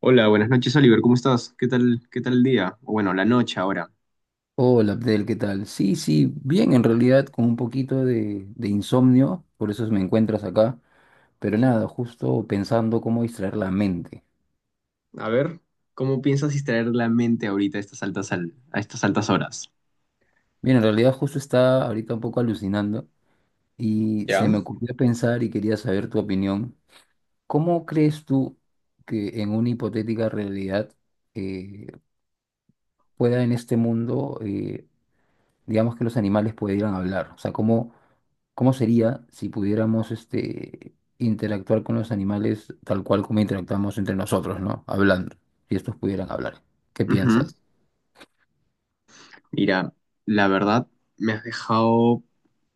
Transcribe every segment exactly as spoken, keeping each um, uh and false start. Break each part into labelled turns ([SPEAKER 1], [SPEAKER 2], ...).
[SPEAKER 1] Hola, buenas noches, Oliver. ¿Cómo estás? ¿Qué tal, qué tal el día? O bueno, la noche ahora.
[SPEAKER 2] Hola Abdel, ¿qué tal? Sí, sí, bien, en realidad con un poquito de, de insomnio, por eso me encuentras acá, pero nada, justo pensando cómo distraer la mente.
[SPEAKER 1] A ver, ¿cómo piensas distraer la mente ahorita a estas altas, al- a estas altas horas?
[SPEAKER 2] Bien, en realidad justo está ahorita un poco alucinando y se
[SPEAKER 1] Ya.
[SPEAKER 2] me ocurrió pensar y quería saber tu opinión. ¿Cómo crees tú que en una hipotética realidad eh, pueda en este mundo, eh, digamos que los animales pudieran hablar? O sea, ¿cómo, ¿cómo sería si pudiéramos este, interactuar con los animales tal cual como interactuamos entre nosotros, ¿no? Hablando, si estos pudieran hablar. ¿Qué
[SPEAKER 1] Ujú.
[SPEAKER 2] piensas?
[SPEAKER 1] Mira, la verdad me has dejado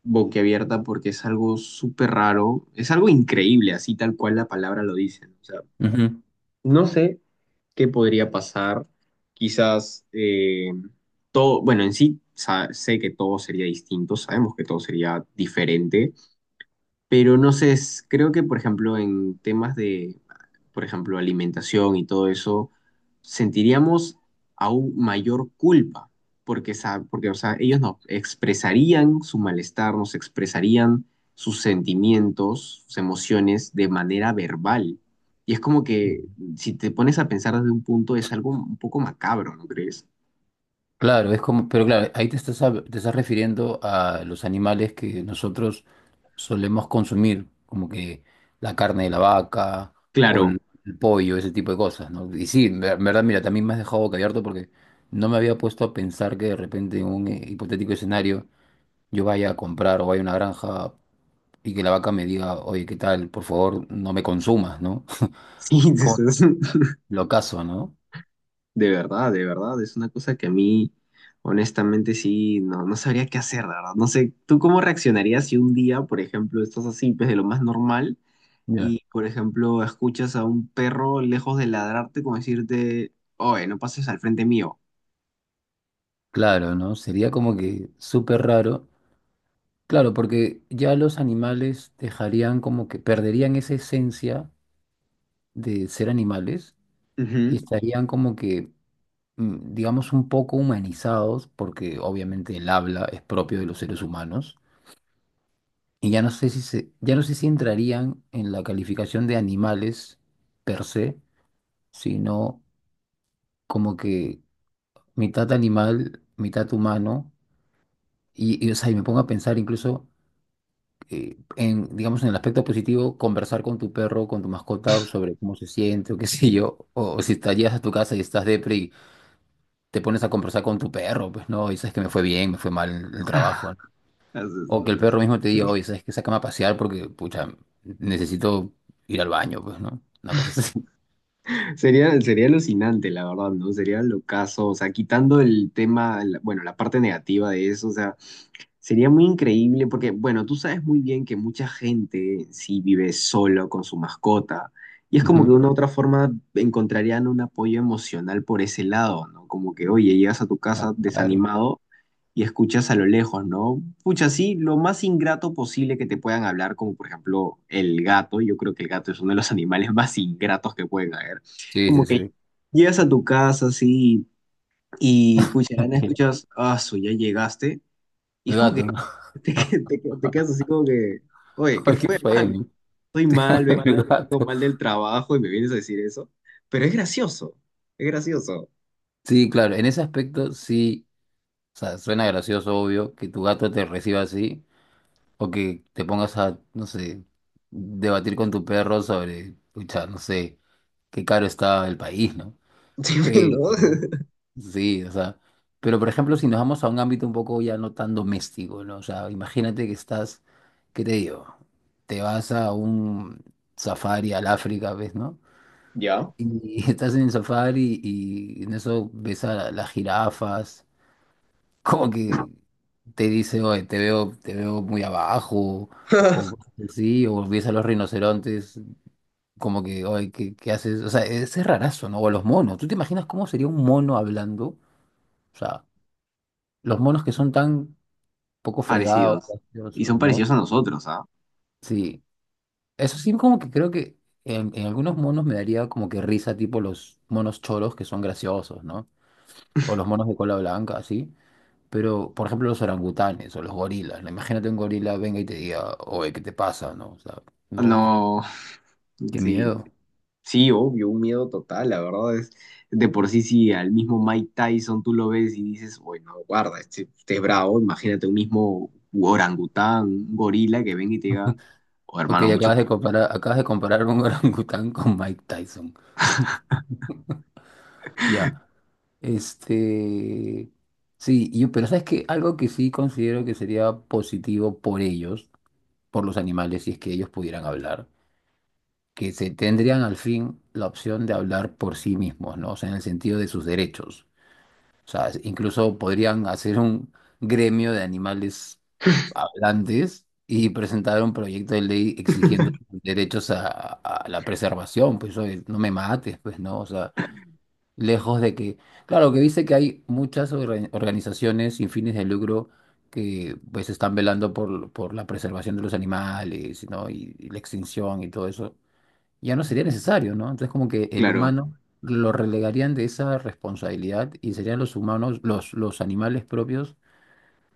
[SPEAKER 1] boquiabierta porque es algo súper raro, es algo increíble, así tal cual la palabra lo dice, ¿no? O sea,
[SPEAKER 2] Ujú.
[SPEAKER 1] no sé qué podría pasar, quizás eh, todo, bueno, en sí sa- sé que todo sería distinto, sabemos que todo sería diferente, pero no sé, es- creo que por ejemplo en temas de, por ejemplo, alimentación y todo eso, sentiríamos aún mayor culpa, porque, sa- porque o sea, ellos no expresarían su malestar, nos expresarían sus sentimientos, sus emociones de manera verbal. Y es como
[SPEAKER 2] Ujú.
[SPEAKER 1] que si te pones a pensar desde un punto es algo un poco macabro, ¿no crees?
[SPEAKER 2] Claro, es como, pero claro, ahí te estás, hab- te estás refiriendo a los animales que nosotros solemos consumir, como que la carne de la vaca o
[SPEAKER 1] Claro,
[SPEAKER 2] el, el pollo, ese tipo de cosas, ¿no? Y sí, en ver- en verdad, mira, también me has dejado boquiabierto porque no me había puesto a pensar que de repente en un eh, hipotético escenario yo vaya a comprar o vaya a una granja y que la vaca me diga, oye, ¿qué tal? Por favor, no me consumas, ¿no?
[SPEAKER 1] sí.
[SPEAKER 2] Como lo caso, ¿no?
[SPEAKER 1] De verdad, de verdad, es una cosa que a mí, honestamente, sí, no, no sabría qué hacer, de verdad. No sé, ¿tú cómo reaccionarías si un día, por ejemplo, estás así, pues de lo más normal,
[SPEAKER 2] Ya.
[SPEAKER 1] y, por ejemplo, escuchas a un perro lejos de ladrarte como decirte, oye, no pases al frente mío?
[SPEAKER 2] Claro, ¿no? Sería como que súper raro. Claro, porque ya los animales dejarían como que perderían esa esencia de ser animales y
[SPEAKER 1] Ujú.
[SPEAKER 2] estarían como que, mm, digamos, un poco humanizados, porque obviamente el habla es propio de los seres humanos. Y ya no sé si se, ya no sé si entrarían en la calificación de animales per se, sino como que mitad animal, mitad humano, y, y, o sea, y me pongo a pensar incluso eh, en, digamos, en el aspecto positivo, conversar con tu perro, con tu mascota sobre cómo se siente o qué sé yo, o, o si te llegas a tu casa y estás depre y te pones a conversar con tu perro, pues no, y sabes que me fue bien, me fue mal el, el trabajo, ¿no? O que el perro mismo te diga, oye, sabes que sácame a pasear porque, pucha, necesito ir al baño, pues, ¿no? Una cosa así.
[SPEAKER 1] Sería, sería alucinante, la verdad, ¿no? Sería locazo, o sea, quitando el tema, la- bueno, la parte negativa de eso, o sea, sería muy increíble porque, bueno, tú sabes muy bien que mucha gente sí vive solo con su mascota y es como que
[SPEAKER 2] Ujú.
[SPEAKER 1] de una u otra forma encontrarían un apoyo emocional por ese lado, ¿no? Como que, oye, llegas a tu
[SPEAKER 2] Ah,
[SPEAKER 1] casa
[SPEAKER 2] claro.
[SPEAKER 1] desanimado y escuchas a lo lejos, ¿no? Pucha, sí, lo más ingrato posible que te puedan hablar, como por ejemplo el gato, yo creo que el gato es uno de los animales más ingratos que pueden haber.
[SPEAKER 2] Sí,
[SPEAKER 1] Como
[SPEAKER 2] sí,
[SPEAKER 1] que
[SPEAKER 2] sí.
[SPEAKER 1] llegas a tu casa, sí, y pucha, escuchas, ah, su, ya llegaste. Y
[SPEAKER 2] El
[SPEAKER 1] es como que
[SPEAKER 2] gato, ¿no?
[SPEAKER 1] te, que- te que- te quedas así como que, oye, ¿qué
[SPEAKER 2] ¿Qué
[SPEAKER 1] fue,
[SPEAKER 2] fue?
[SPEAKER 1] hermano?
[SPEAKER 2] El
[SPEAKER 1] Estoy mal, vengo,
[SPEAKER 2] Igual.
[SPEAKER 1] vengo
[SPEAKER 2] Gato.
[SPEAKER 1] mal del trabajo y me vienes a decir eso. Pero es gracioso, es gracioso.
[SPEAKER 2] Sí, claro, en ese aspecto sí, o sea, suena gracioso, obvio, que tu gato te reciba así, o que te pongas a, no sé, debatir con tu perro sobre, pucha, no sé, qué caro está el país, ¿no?
[SPEAKER 1] Sí,
[SPEAKER 2] Pero,
[SPEAKER 1] ¿no?
[SPEAKER 2] sí, o sea, pero por ejemplo, si nos vamos a un ámbito un poco ya no tan doméstico, ¿no? O sea, imagínate que estás, ¿qué te digo? Te vas a un safari al África, ¿ves, no?
[SPEAKER 1] ¿Ya?
[SPEAKER 2] Y estás en el safari y en eso ves a las jirafas, como que te dice, oye, te veo, te veo muy abajo, o sí, o ves a los rinocerontes, como que, oye, ¿qué, ¿qué haces? O sea, es es rarazo, ¿no? O los monos. ¿Tú te imaginas cómo sería un mono hablando? O sea, los monos que son tan poco fregados,
[SPEAKER 1] Parecidos. Y
[SPEAKER 2] graciosos,
[SPEAKER 1] son
[SPEAKER 2] ¿no?
[SPEAKER 1] parecidos a nosotros, ¿ah?
[SPEAKER 2] Sí. Eso sí, como que creo que en, en algunos monos me daría como que risa, tipo los monos choros que son graciosos, ¿no? O los monos de cola blanca, así. Pero, por ejemplo, los orangutanes o los gorilas, ¿no? Imagínate un gorila venga y te diga, oye, ¿qué te pasa? No, o sea, no,
[SPEAKER 1] No,
[SPEAKER 2] qué
[SPEAKER 1] sí,
[SPEAKER 2] miedo.
[SPEAKER 1] sí, obvio, un miedo total, la verdad es, de por sí, sí, al mismo Mike Tyson tú lo ves y dices, bueno, guarda, este, este es bravo, imagínate un mismo orangután, un gorila que venga y te diga, oh
[SPEAKER 2] Ok,
[SPEAKER 1] hermano, mucho
[SPEAKER 2] acabas de comparar, acabas de comparar un orangután con Mike Tyson. Ya. Este. Sí, yo, pero ¿sabes qué? Algo que sí considero que sería positivo por ellos, por los animales, si es que ellos pudieran hablar, que se tendrían al fin la opción de hablar por sí mismos, ¿no? O sea, en el sentido de sus derechos. O sea, incluso podrían hacer un gremio de animales hablantes y presentar un proyecto de ley exigiendo derechos a, a la preservación, pues oye, no me mates, pues no, o sea, lejos de que, claro, que dice que hay muchas orga- organizaciones sin fines de lucro que pues están velando por, por la preservación de los animales, ¿no? Y, y la extinción y todo eso ya no sería necesario, ¿no? Entonces como que el
[SPEAKER 1] claro,
[SPEAKER 2] humano lo relegarían de esa responsabilidad y serían los humanos, los, los animales propios,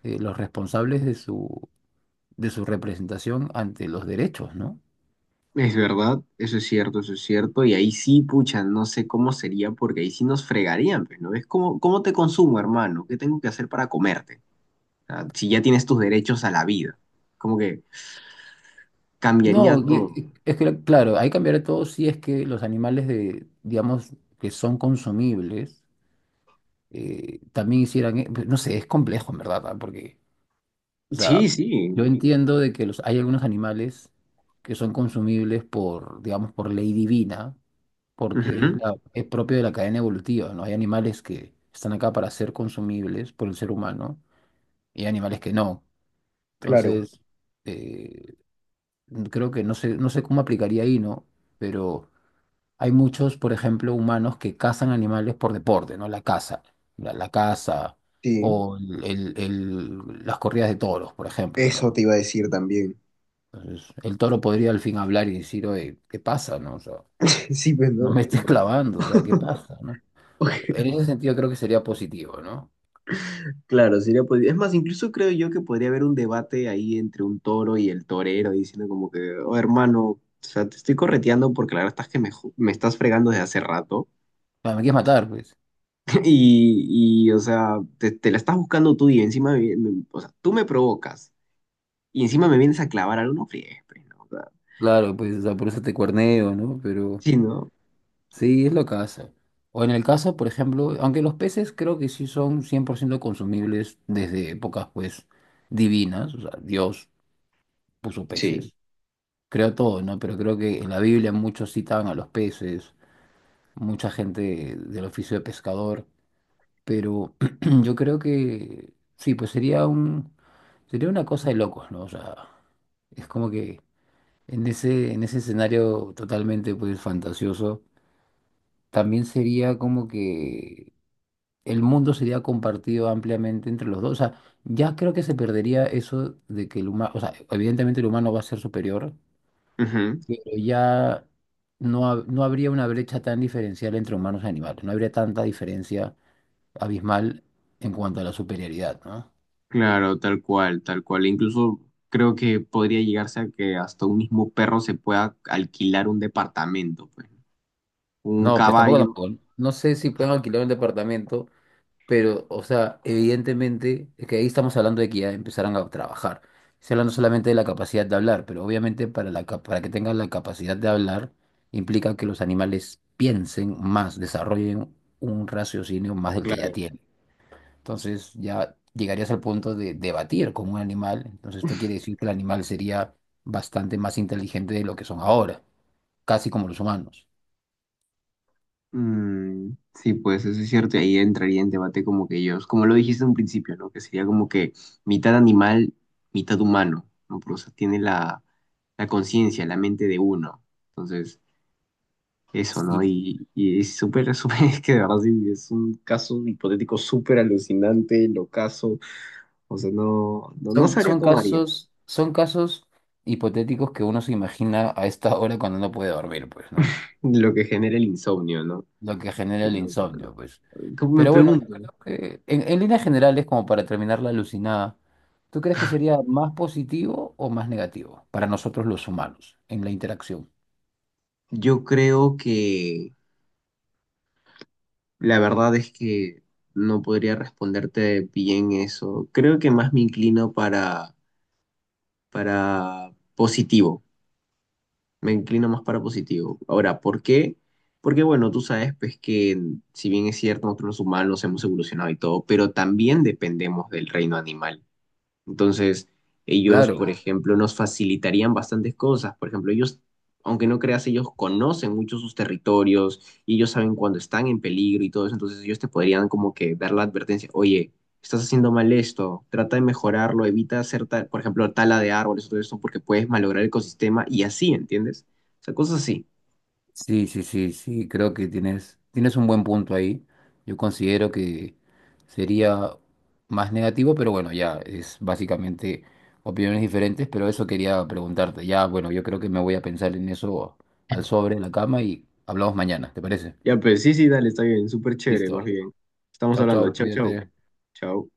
[SPEAKER 2] eh, los responsables de su, de su representación ante los derechos, ¿no?
[SPEAKER 1] es verdad, eso es cierto, eso es cierto. Y ahí sí, pucha, no sé cómo sería, porque ahí sí nos fregarían, pues, ¿no? Es como, ¿cómo te consumo, hermano? ¿Qué tengo que hacer para comerte? Ah, si ya tienes tus derechos a la vida, como que cambiaría
[SPEAKER 2] No, y-
[SPEAKER 1] todo.
[SPEAKER 2] y- es que claro, ahí cambiará todo si es que los animales de, digamos, que son consumibles, eh, también hicieran, e- no sé, es complejo, en verdad, ¿ah? Porque, o
[SPEAKER 1] Sí,
[SPEAKER 2] sea,
[SPEAKER 1] sí.
[SPEAKER 2] yo entiendo de que los, hay algunos animales que son consumibles por, digamos, por ley divina, porque es,
[SPEAKER 1] Ujú.
[SPEAKER 2] la- es propio de la cadena evolutiva, ¿no? Hay animales que están acá para ser consumibles por el ser humano y hay animales que no.
[SPEAKER 1] Claro,
[SPEAKER 2] Entonces, eh, creo que no sé, no sé cómo aplicaría ahí, ¿no? Pero hay muchos, por ejemplo, humanos que cazan animales por deporte, ¿no? La caza, la, la caza
[SPEAKER 1] sí,
[SPEAKER 2] o el- el- el- las corridas de toros, por ejemplo,
[SPEAKER 1] eso
[SPEAKER 2] ¿no?
[SPEAKER 1] te iba a decir también.
[SPEAKER 2] Entonces, el toro podría al fin hablar y decir, oye, ¿qué pasa, no? O sea,
[SPEAKER 1] Sí, pues,
[SPEAKER 2] no
[SPEAKER 1] ¿no?
[SPEAKER 2] me estés clavando, o sea, ¿qué pasa, no?
[SPEAKER 1] Ok.
[SPEAKER 2] En ese sentido creo que sería positivo, ¿no?
[SPEAKER 1] Claro, sería pues, es más, incluso creo yo que podría haber un debate ahí entre un toro y el torero, diciendo como que, oh hermano, o sea, te estoy correteando porque la verdad estás que me, ju- me estás fregando desde hace rato.
[SPEAKER 2] Ah, me quieres matar, pues.
[SPEAKER 1] Y, y, o sea, te, te la estás buscando tú y encima, me- vi- me- o sea, tú me provocas y encima me vienes a clavar algo, no friegues, pues, ¿no? O sea,
[SPEAKER 2] Claro, pues, o sea, por eso te cuerneo, ¿no? Pero
[SPEAKER 1] sí, ¿no?
[SPEAKER 2] sí, es lo que hace. O en el caso, por ejemplo, aunque los peces creo que sí son cien por ciento consumibles desde épocas, pues, divinas, o sea, Dios puso
[SPEAKER 1] Sí.
[SPEAKER 2] peces, creo todo, ¿no? Pero creo que en la Biblia muchos citaban a los peces, mucha gente del oficio de pescador, pero yo creo que sí, pues sería un, sería una cosa de locos, ¿no? O sea, es como que en ese, en ese escenario totalmente pues fantasioso, también sería como que el mundo sería compartido ampliamente entre los dos. O sea, ya creo que se perdería eso de que el humano, o sea, evidentemente el humano va a ser superior,
[SPEAKER 1] Ujú.
[SPEAKER 2] pero ya no, ha- no habría una brecha tan diferencial entre humanos y animales, no habría tanta diferencia abismal en cuanto a la superioridad, ¿no?
[SPEAKER 1] Claro, tal cual, tal cual. Incluso creo que podría llegarse a que hasta un mismo perro se pueda alquilar un departamento, pues. Un Mm.
[SPEAKER 2] No, pues tampoco,
[SPEAKER 1] caballo.
[SPEAKER 2] tampoco. No sé si pueden alquilar un departamento. Pero, o sea, evidentemente, es que ahí estamos hablando de que ya empezarán a trabajar. Estoy hablando solamente de la capacidad de hablar, pero obviamente para la, cap- para que tengan la capacidad de hablar implica que los animales piensen más, desarrollen un raciocinio más del que ya
[SPEAKER 1] Claro.
[SPEAKER 2] tienen. Entonces ya llegarías al punto de debatir con un animal. Entonces esto quiere decir que el animal sería bastante más inteligente de lo que son ahora, casi como los humanos.
[SPEAKER 1] Mm, sí, pues eso es cierto, y ahí entraría en debate como que ellos, como lo dijiste en un principio, ¿no? Que sería como que mitad animal, mitad humano, ¿no? Pero, o sea, tiene la, la conciencia, la mente de uno. Entonces, eso, ¿no?
[SPEAKER 2] Sí.
[SPEAKER 1] Y, y es súper, súper, es que de verdad sí, es un caso hipotético súper alucinante, locazo, o sea, no, no, no
[SPEAKER 2] Son,
[SPEAKER 1] sabría
[SPEAKER 2] son
[SPEAKER 1] cómo haría.
[SPEAKER 2] casos, son casos hipotéticos que uno se imagina a esta hora cuando no puede dormir, pues, ¿no?
[SPEAKER 1] Lo que genera el insomnio, ¿no?
[SPEAKER 2] Lo que genera
[SPEAKER 1] Qué
[SPEAKER 2] el
[SPEAKER 1] loco, ¿no?
[SPEAKER 2] insomnio, pues.
[SPEAKER 1] Me
[SPEAKER 2] Pero bueno, yo
[SPEAKER 1] pregunto,
[SPEAKER 2] creo que en, en líneas generales, como para terminar la alucinada, ¿tú crees que sería más positivo o más negativo para nosotros los humanos en la interacción?
[SPEAKER 1] yo creo que... La verdad es que no podría responderte bien eso. Creo que más me inclino para, para positivo. Me inclino más para positivo. Ahora, ¿por qué? Porque bueno, tú sabes pues que si bien es cierto, nosotros los humanos hemos evolucionado y todo, pero también dependemos del reino animal. Entonces, ellos, por
[SPEAKER 2] Claro.
[SPEAKER 1] ejemplo, nos facilitarían bastantes cosas. Por ejemplo, ellos, aunque no creas, ellos conocen mucho sus territorios y ellos saben cuando están en peligro y todo eso. Entonces, ellos te podrían como que dar la advertencia, oye, estás haciendo mal esto, trata de mejorarlo, evita hacer, tal, por ejemplo, tala de árboles o todo eso porque puedes malograr el ecosistema y así, ¿entiendes? O sea, cosas así.
[SPEAKER 2] Sí, sí, sí, sí, creo que tienes, tienes un buen punto ahí. Yo considero que sería más negativo, pero bueno, ya es básicamente opiniones diferentes, pero eso quería preguntarte. Ya, bueno, yo creo que me voy a pensar en eso al sobre, en la cama y hablamos mañana, ¿te parece?
[SPEAKER 1] Ya, pues sí, sí, dale, está bien, súper chévere,
[SPEAKER 2] Listo.
[SPEAKER 1] más bien. Estamos
[SPEAKER 2] Chao,
[SPEAKER 1] hablando,
[SPEAKER 2] chao,
[SPEAKER 1] chao, chao,
[SPEAKER 2] cuídate.
[SPEAKER 1] chao.